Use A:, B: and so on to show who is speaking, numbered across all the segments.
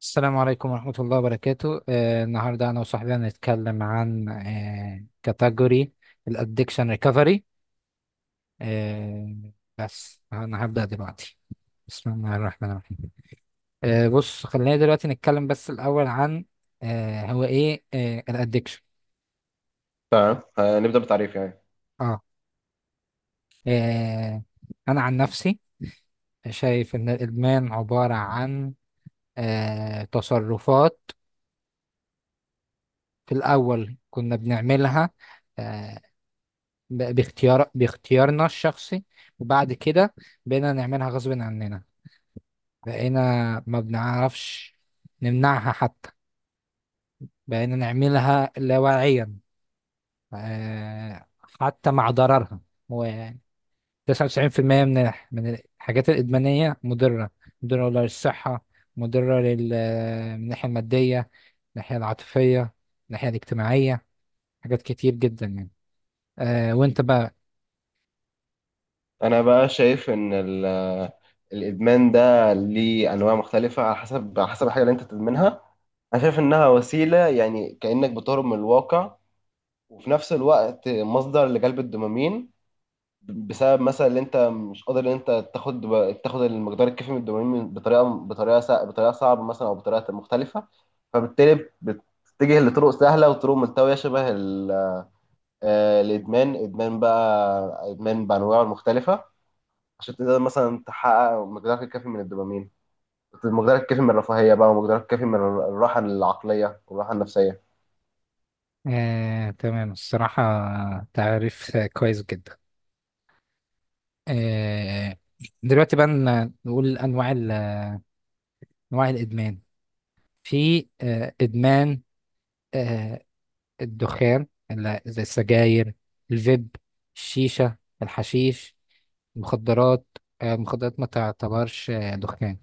A: السلام عليكم ورحمة الله وبركاته. النهاردة أنا وصاحبي هنتكلم عن كاتيجوري الأدكشن ريكفري. آه، بس أنا هبدأ دلوقتي. بسم الله الرحمن الرحيم. بص، خلينا دلوقتي نتكلم بس الأول عن هو إيه الأدكشن.
B: تمام، نبدأ بتعريف يعني.
A: آه آه، أنا عن نفسي شايف إن الإدمان عبارة عن تصرفات في الأول كنا بنعملها آه، باختيارنا الشخصي، وبعد كده بقينا نعملها غصب عننا. بقينا ما بنعرفش نمنعها حتى، بقينا نعملها لاواعيا آه، حتى مع ضررها. هو 99% من الحاجات الإدمانية مضرة، مضرة للصحة، مضرة لل من الناحية المادية، من الناحية العاطفية، من الناحية الاجتماعية، حاجات كتير جدا يعني. وانت بقى؟
B: أنا بقى شايف إن الإدمان ده ليه أنواع مختلفة، على حسب الحاجة اللي أنت تدمنها. أنا شايف إنها وسيلة يعني كأنك بتهرب من الواقع، وفي نفس الوقت مصدر لجلب الدوبامين، بسبب مثلا إن أنت مش قادر إن أنت تاخد المقدار الكافي من الدوبامين بطريقة صعبة مثلا، أو بطريقة مختلفة. فبالتالي بتتجه لطرق سهلة وطرق ملتوية، شبه الادمان ادمان بقى ادمان بانواعه المختلفه، عشان تقدر مثلا تحقق مقدارك الكافي من الدوبامين، مقدارك الكافي من الرفاهيه بقى، ومقدارك الكافي من الراحه العقليه والراحه النفسيه.
A: تمام، الصراحة تعريف كويس جدا. آه، دلوقتي بقى نقول أنواع الإدمان. في إدمان آه، الدخان زي السجاير، الفيب، الشيشة، الحشيش، المخدرات. المخدرات ما تعتبرش دخان،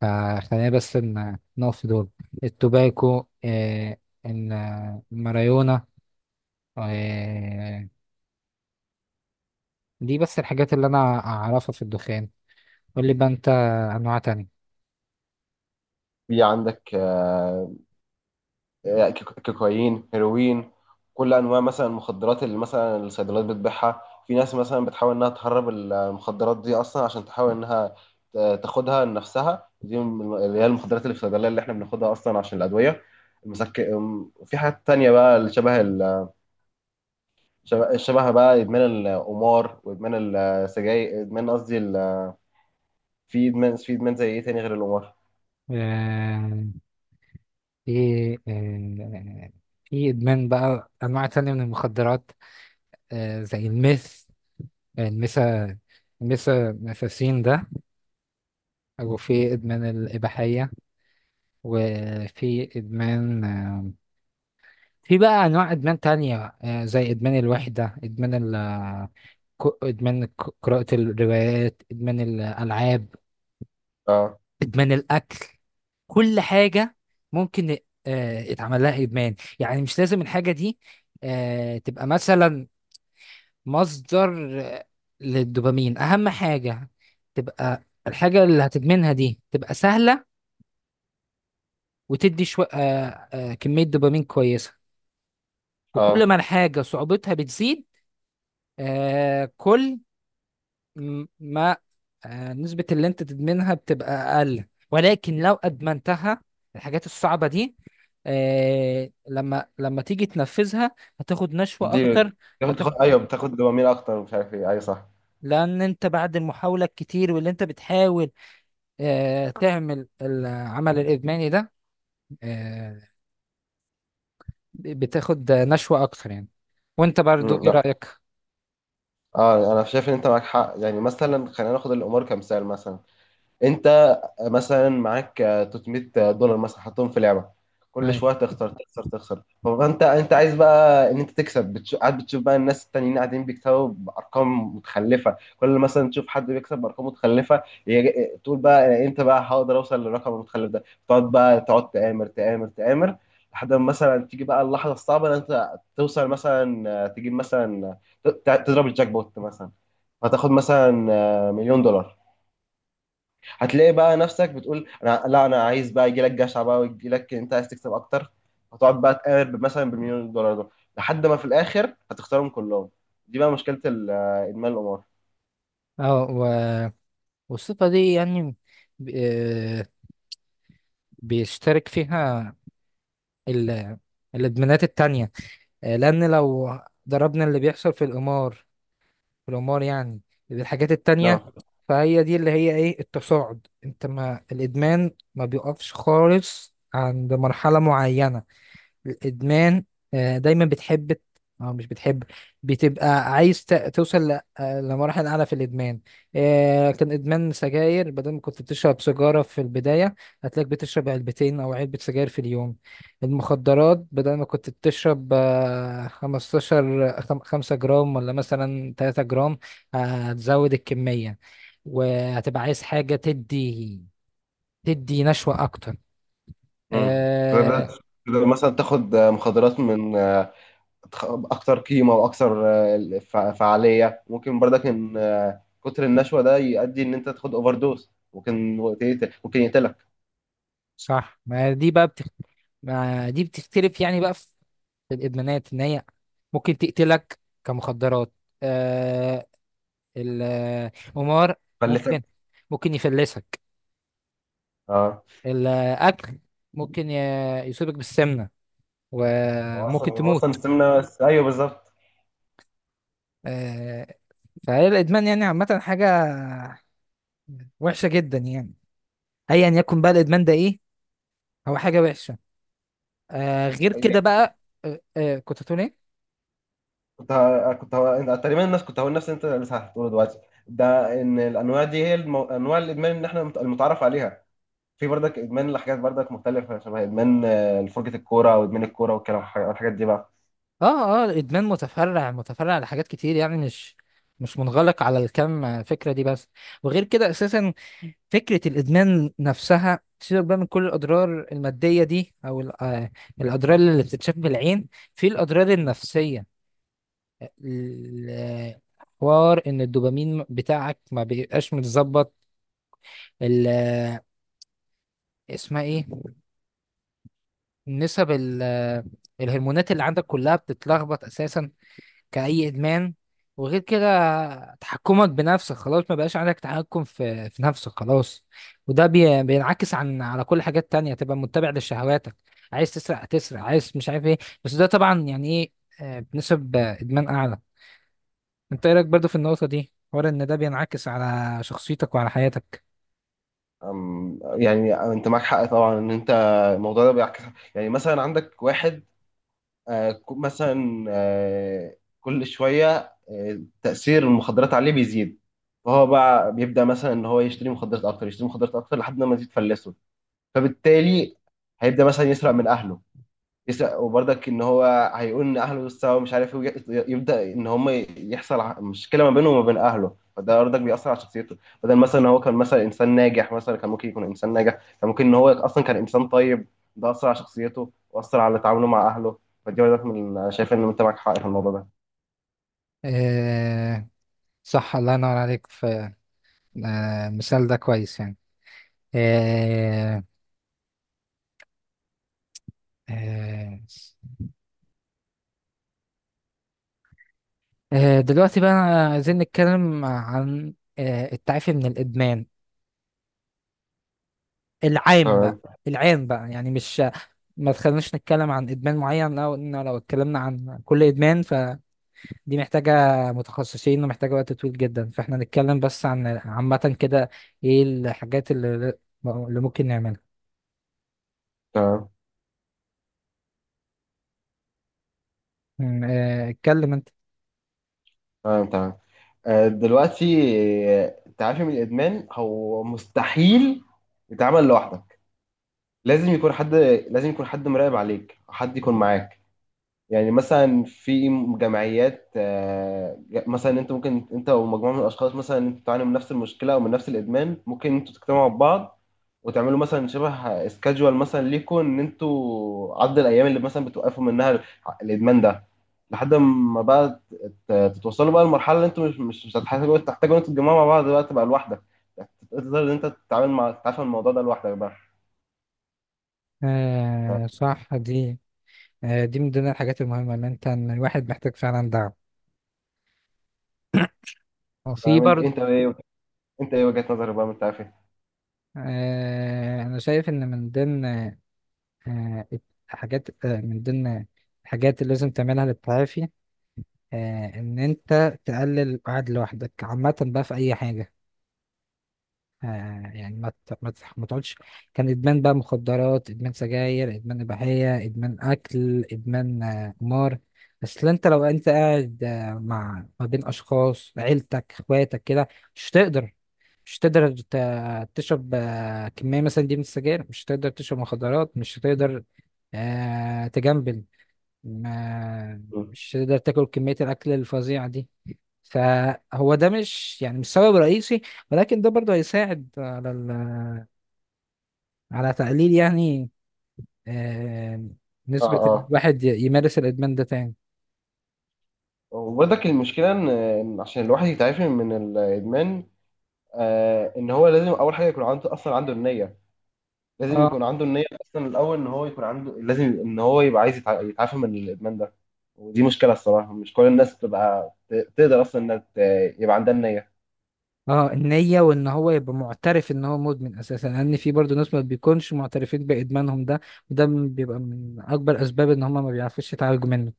A: فخلينا بس نقف في دول: التوباكو، الماريونا. آه، دي بس الحاجات اللي أنا أعرفها في الدخان. قول لي بقى انت انواع تانية.
B: في عندك كوكايين، هيروين، كل انواع مثلا المخدرات اللي مثلا الصيدليات بتبيعها. في ناس مثلا بتحاول انها تهرب المخدرات دي اصلا عشان تحاول انها تاخدها لنفسها، دي اللي هي المخدرات اللي في الصيدليه اللي احنا بناخدها اصلا عشان الادويه وفي حاجات تانية بقى اللي شبه ال... شبه شبه بقى ادمان القمار، وادمان السجاير، ادمان، قصدي في ادمان زي ايه تاني غير القمار؟
A: آه، في آه، في ادمان بقى انواع تانية من المخدرات زي الميثا الميثامفيسين ده، وفي ادمان الاباحية، وفي ادمان، في بقى انواع ادمان تانية زي ادمان الوحدة، ادمان قراءة الروايات، ادمان الالعاب،
B: اه،
A: إدمان الأكل. كل حاجة ممكن اتعمل لها إدمان، يعني مش لازم الحاجة دي تبقى مثلا مصدر للدوبامين. أهم حاجة تبقى الحاجة اللي هتدمنها دي تبقى سهلة وتدي شو... آه، آه، كمية دوبامين كويسة. وكل
B: اه،
A: ما الحاجة صعوبتها بتزيد، كل ما نسبة اللي انت تدمنها بتبقى اقل، ولكن لو ادمنتها، الحاجات الصعبة دي، لما تيجي تنفذها، هتاخد نشوة
B: بتدي
A: اكتر.
B: بتاخد
A: هتاخد،
B: ايوه، بتاخد دوبامين اكتر، مش عارف ايه، ايوه صح.
A: لان انت بعد المحاولة الكتير واللي انت بتحاول تعمل العمل الادماني ده، آه، بتاخد نشوة اكتر يعني. وانت برضو ايه
B: لا،
A: رأيك؟
B: اه، انا شايف ان انت معاك حق. يعني مثلا خلينا ناخد الامور كمثال. مثلا انت مثلا معاك 300 دولار مثلا، حطهم في لعبه. كل
A: ايوه.
B: شويه تخسر، تخسر، تخسر، فانت عايز بقى ان انت تكسب، قاعد بتشوف بقى الناس التانيين قاعدين بيكسبوا بارقام متخلفه. كل مثلا تشوف حد بيكسب بارقام متخلفه تقول بقى، انت بقى هقدر اوصل للرقم المتخلف ده، تقعد تآمر تآمر تآمر، لحد ما مثلا تيجي بقى اللحظه الصعبه ان انت توصل مثلا، تجيب مثلا تضرب الجاك بوت مثلا، فتاخد مثلا مليون دولار. هتلاقي بقى نفسك بتقول انا لا، انا عايز بقى، يجي لك جشع بقى، ويجي لك انت عايز تكسب اكتر. هتقعد بقى تقارب مثلا بالمليون دولار ده لحد ما في الاخر هتختارهم كلهم. دي بقى مشكله ادمان القمار.
A: اه والصفة دي يعني ب- آه، بيشترك فيها ال- الادمانات التانية، لان لو ضربنا اللي بيحصل في القمار يعني الحاجات التانية،
B: نعم.
A: فهي دي اللي هي ايه التصاعد. انت ما الادمان ما بيقفش خالص عند مرحلة معينة. الادمان دايما بتحب او مش بتحب، بتبقى عايز توصل لمراحل اعلى في الادمان. كان ادمان سجاير، بدل ما كنت بتشرب سيجاره في البدايه، هتلاقيك بتشرب علبتين او علبه سجاير في اليوم. المخدرات، بدل ما كنت بتشرب 5 جرام ولا مثلا 3 جرام، هتزود الكميه وهتبقى عايز حاجه تدي نشوه اكتر.
B: فبدأت
A: آه،
B: تقدر مثلا تاخد مخدرات من اكتر قيمه واكثر فعاليه. ممكن برضك ان كتر النشوه ده يؤدي ان انت تاخد اوفر دوز، ممكن يقتلك.
A: صح، ما دي بتختلف يعني بقى في الادمانات ان هي تقتلك كمخدرات. آه القمار ممكن
B: فلتك.
A: ممكن يفلسك.
B: اه،
A: الاكل ممكن يصيبك بالسمنه
B: هو اصلا
A: وممكن
B: هو اصلا
A: تموت.
B: السمنه، ايوه بالظبط.
A: آه فهي الادمان يعني عامه حاجه وحشه جدا يعني، ايا يكن بقى الادمان ده ايه، هو حاجه وحشه. غير كده بقى، كنت هتقول ايه؟
B: أنا تقريبا الناس كنت هقول نفس اللي انت لسه هتقوله دلوقتي. ده ان الانواع دي هي انواع الادمان اللي احنا المتعارف عليها. في برضك ادمان لحاجات برضك مختلفه، شبه ادمان فرجه الكوره، او ادمان الكوره والكلام، الحاجات دي بقى.
A: اه اه، الادمان متفرع متفرع لحاجات كتير، يعني مش منغلق على الكم فكره دي بس. وغير كده اساسا فكره الادمان نفسها، سيبك بقى من كل الاضرار الماديه دي او الاضرار اللي بتتشاف بالعين، في الاضرار النفسيه. ال- حوار ان الدوبامين بتاعك ما بيبقاش متظبط، ال- آه، اسمها ايه، نسب الهرمونات اللي عندك كلها بتتلخبط اساسا كأي إدمان. وغير كده، تحكمك بنفسك خلاص ما بقاش عندك تحكم في نفسك خلاص، وده بينعكس على كل حاجات تانية، تبقى متبع لشهواتك، عايز تسرق تسرق، عايز مش عارف ايه. بس ده طبعا يعني ايه، بنسب إدمان أعلى. انت ايه رأيك برضه في النقطة دي، حوار ان ده بينعكس على شخصيتك وعلى حياتك؟
B: يعني انت معاك حق طبعا ان انت، الموضوع ده بيعكس. يعني مثلا عندك واحد آه، ك- مثلا آه، كل شويه تاثير المخدرات عليه بيزيد. فهو بقى بيبدا مثلا ان هو يشتري مخدرات اكتر، يشتري مخدرات اكتر لحد ما تزيد تفلسه، فبالتالي هيبدا مثلا يسرق من اهله، يسرق. وبرضك ان هو هيقول ان اهله سوا مش عارف ايه، يبدا ان هم يحصل مشكله ما بينه وما بين اهله. فده برضك بيأثر على شخصيته. بدل مثلا ان هو كان مثلا انسان ناجح، مثلا كان ممكن يكون انسان ناجح، كان ممكن ان هو اصلا كان انسان طيب، ده اثر على شخصيته واثر على تعامله مع اهله. فدي برضك من انا شايف ان انت معاك حق في الموضوع ده.
A: آه صح، الله ينور عليك، في مثال ده كويس يعني. آه آه دلوقتي بقى عايزين نتكلم عن التعافي من الإدمان العام بقى.
B: تمام،
A: يعني مش ما تخليناش نتكلم عن إدمان معين، لو اتكلمنا عن كل إدمان فدي محتاجة متخصصين ومحتاجة وقت طويل جدا، فاحنا نتكلم بس عن عامة كده. إيه الحاجات اللي ممكن نعملها؟
B: تمام،
A: اتكلم أنت.
B: تمام، تمام. دلوقتي، التعافي من الادمان هو مستحيل يتعمل لوحده. لازم يكون حد لازم يكون حد مراقب عليك، حد يكون معاك. يعني مثلا في جمعيات، مثلا انت ممكن انت ومجموعه من الاشخاص مثلا انتوا بتعانوا من نفس المشكله او من نفس الادمان، ممكن انتوا تجتمعوا ببعض، وتعملوا مثلا شبه سكادجوال مثلا ليكم ان انتوا عدد الايام اللي مثلا بتوقفوا منها الادمان ده، لحد ما بقى تتوصلوا بقى لمرحله اللي انتوا مش هتحتاجوا ان انتوا تتجمعوا مع بعض بقى، تبقى لوحدك تقدر ان انت تتعامل مع تتعافى من الموضوع ده لوحدك بقى.
A: صح، دي من ضمن الحاجات المهمة، إن الواحد محتاج فعلا دعم، وفي
B: فاهم انت؟
A: برضه.
B: ايه وجهة نظرك بقى من التعافي؟
A: أنا شايف إن من ضمن آه، حاجات آه، من ضمن الحاجات اللي لازم تعملها للتعافي، إن أنت تقلل القعد لوحدك عامة بقى في أي حاجة، يعني ما تقعدش. كان ادمان بقى مخدرات، ادمان سجاير، ادمان اباحيه، ادمان اكل، ادمان قمار. بس لا لو انت قاعد مع، ما بين اشخاص عيلتك اخواتك كده، مش تقدر مش تقدر تشرب كميه مثلا دي من السجاير، مش تقدر تشرب مخدرات، مش تقدر تجنبل ما،
B: مم.
A: مش تقدر تاكل كميه الاكل الفظيعه دي. فهو ده مش يعني مش سبب رئيسي، ولكن ده برضه هيساعد على على تقليل يعني آه،
B: اه،
A: نسبة إن
B: اه،
A: الواحد يمارس الإدمان ده تاني.
B: وبرضك المشكلة ان عشان الواحد يتعافي من الادمان، ان هو لازم اول حاجة يكون عنده اصلا عنده النية، لازم
A: اه،
B: يكون عنده النية اصلا الاول. ان هو يكون عنده لازم ان هو يبقى عايز يتعافى من الادمان ده. ودي مشكلة الصراحة، مش كل الناس بتبقى تقدر اصلا انها يبقى عندها النية.
A: اه، النية وإن هو يبقى معترف إن هو مدمن أساسا، لأن في برضه ناس ما بيكونش معترفين بإدمانهم ده، وده بيبقى من أكبر أسباب إن هما ما بيعرفوش يتعالجوا منه.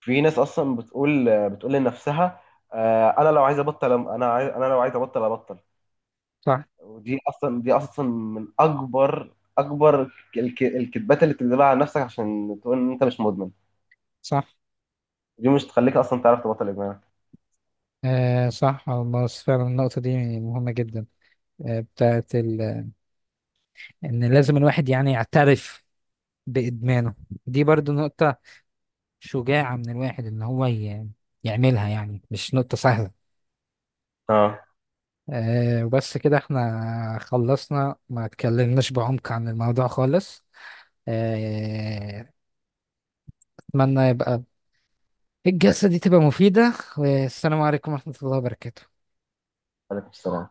B: في ناس اصلا بتقول لنفسها، انا لو عايز ابطل، انا لو عايز ابطل ابطل.
A: صح،
B: ودي اصلا من اكبر الكذبات اللي بتكذبها على نفسك عشان تقول ان انت مش مدمن.
A: صح،
B: دي مش تخليك اصلا تعرف تبطل ادمان.
A: صح، والله فعلا النقطة دي مهمة جدا، آه إن لازم الواحد يعني يعترف بإدمانه. دي برضو نقطة شجاعة من الواحد إن هو يعملها، يعني مش نقطة سهلة.
B: اه.
A: وبس كده احنا خلصنا، ما اتكلمناش بعمق عن الموضوع خالص. أه أتمنى يبقى الجلسة دي تبقى مفيدة، والسلام عليكم ورحمة الله وبركاته.
B: عليكم السلام.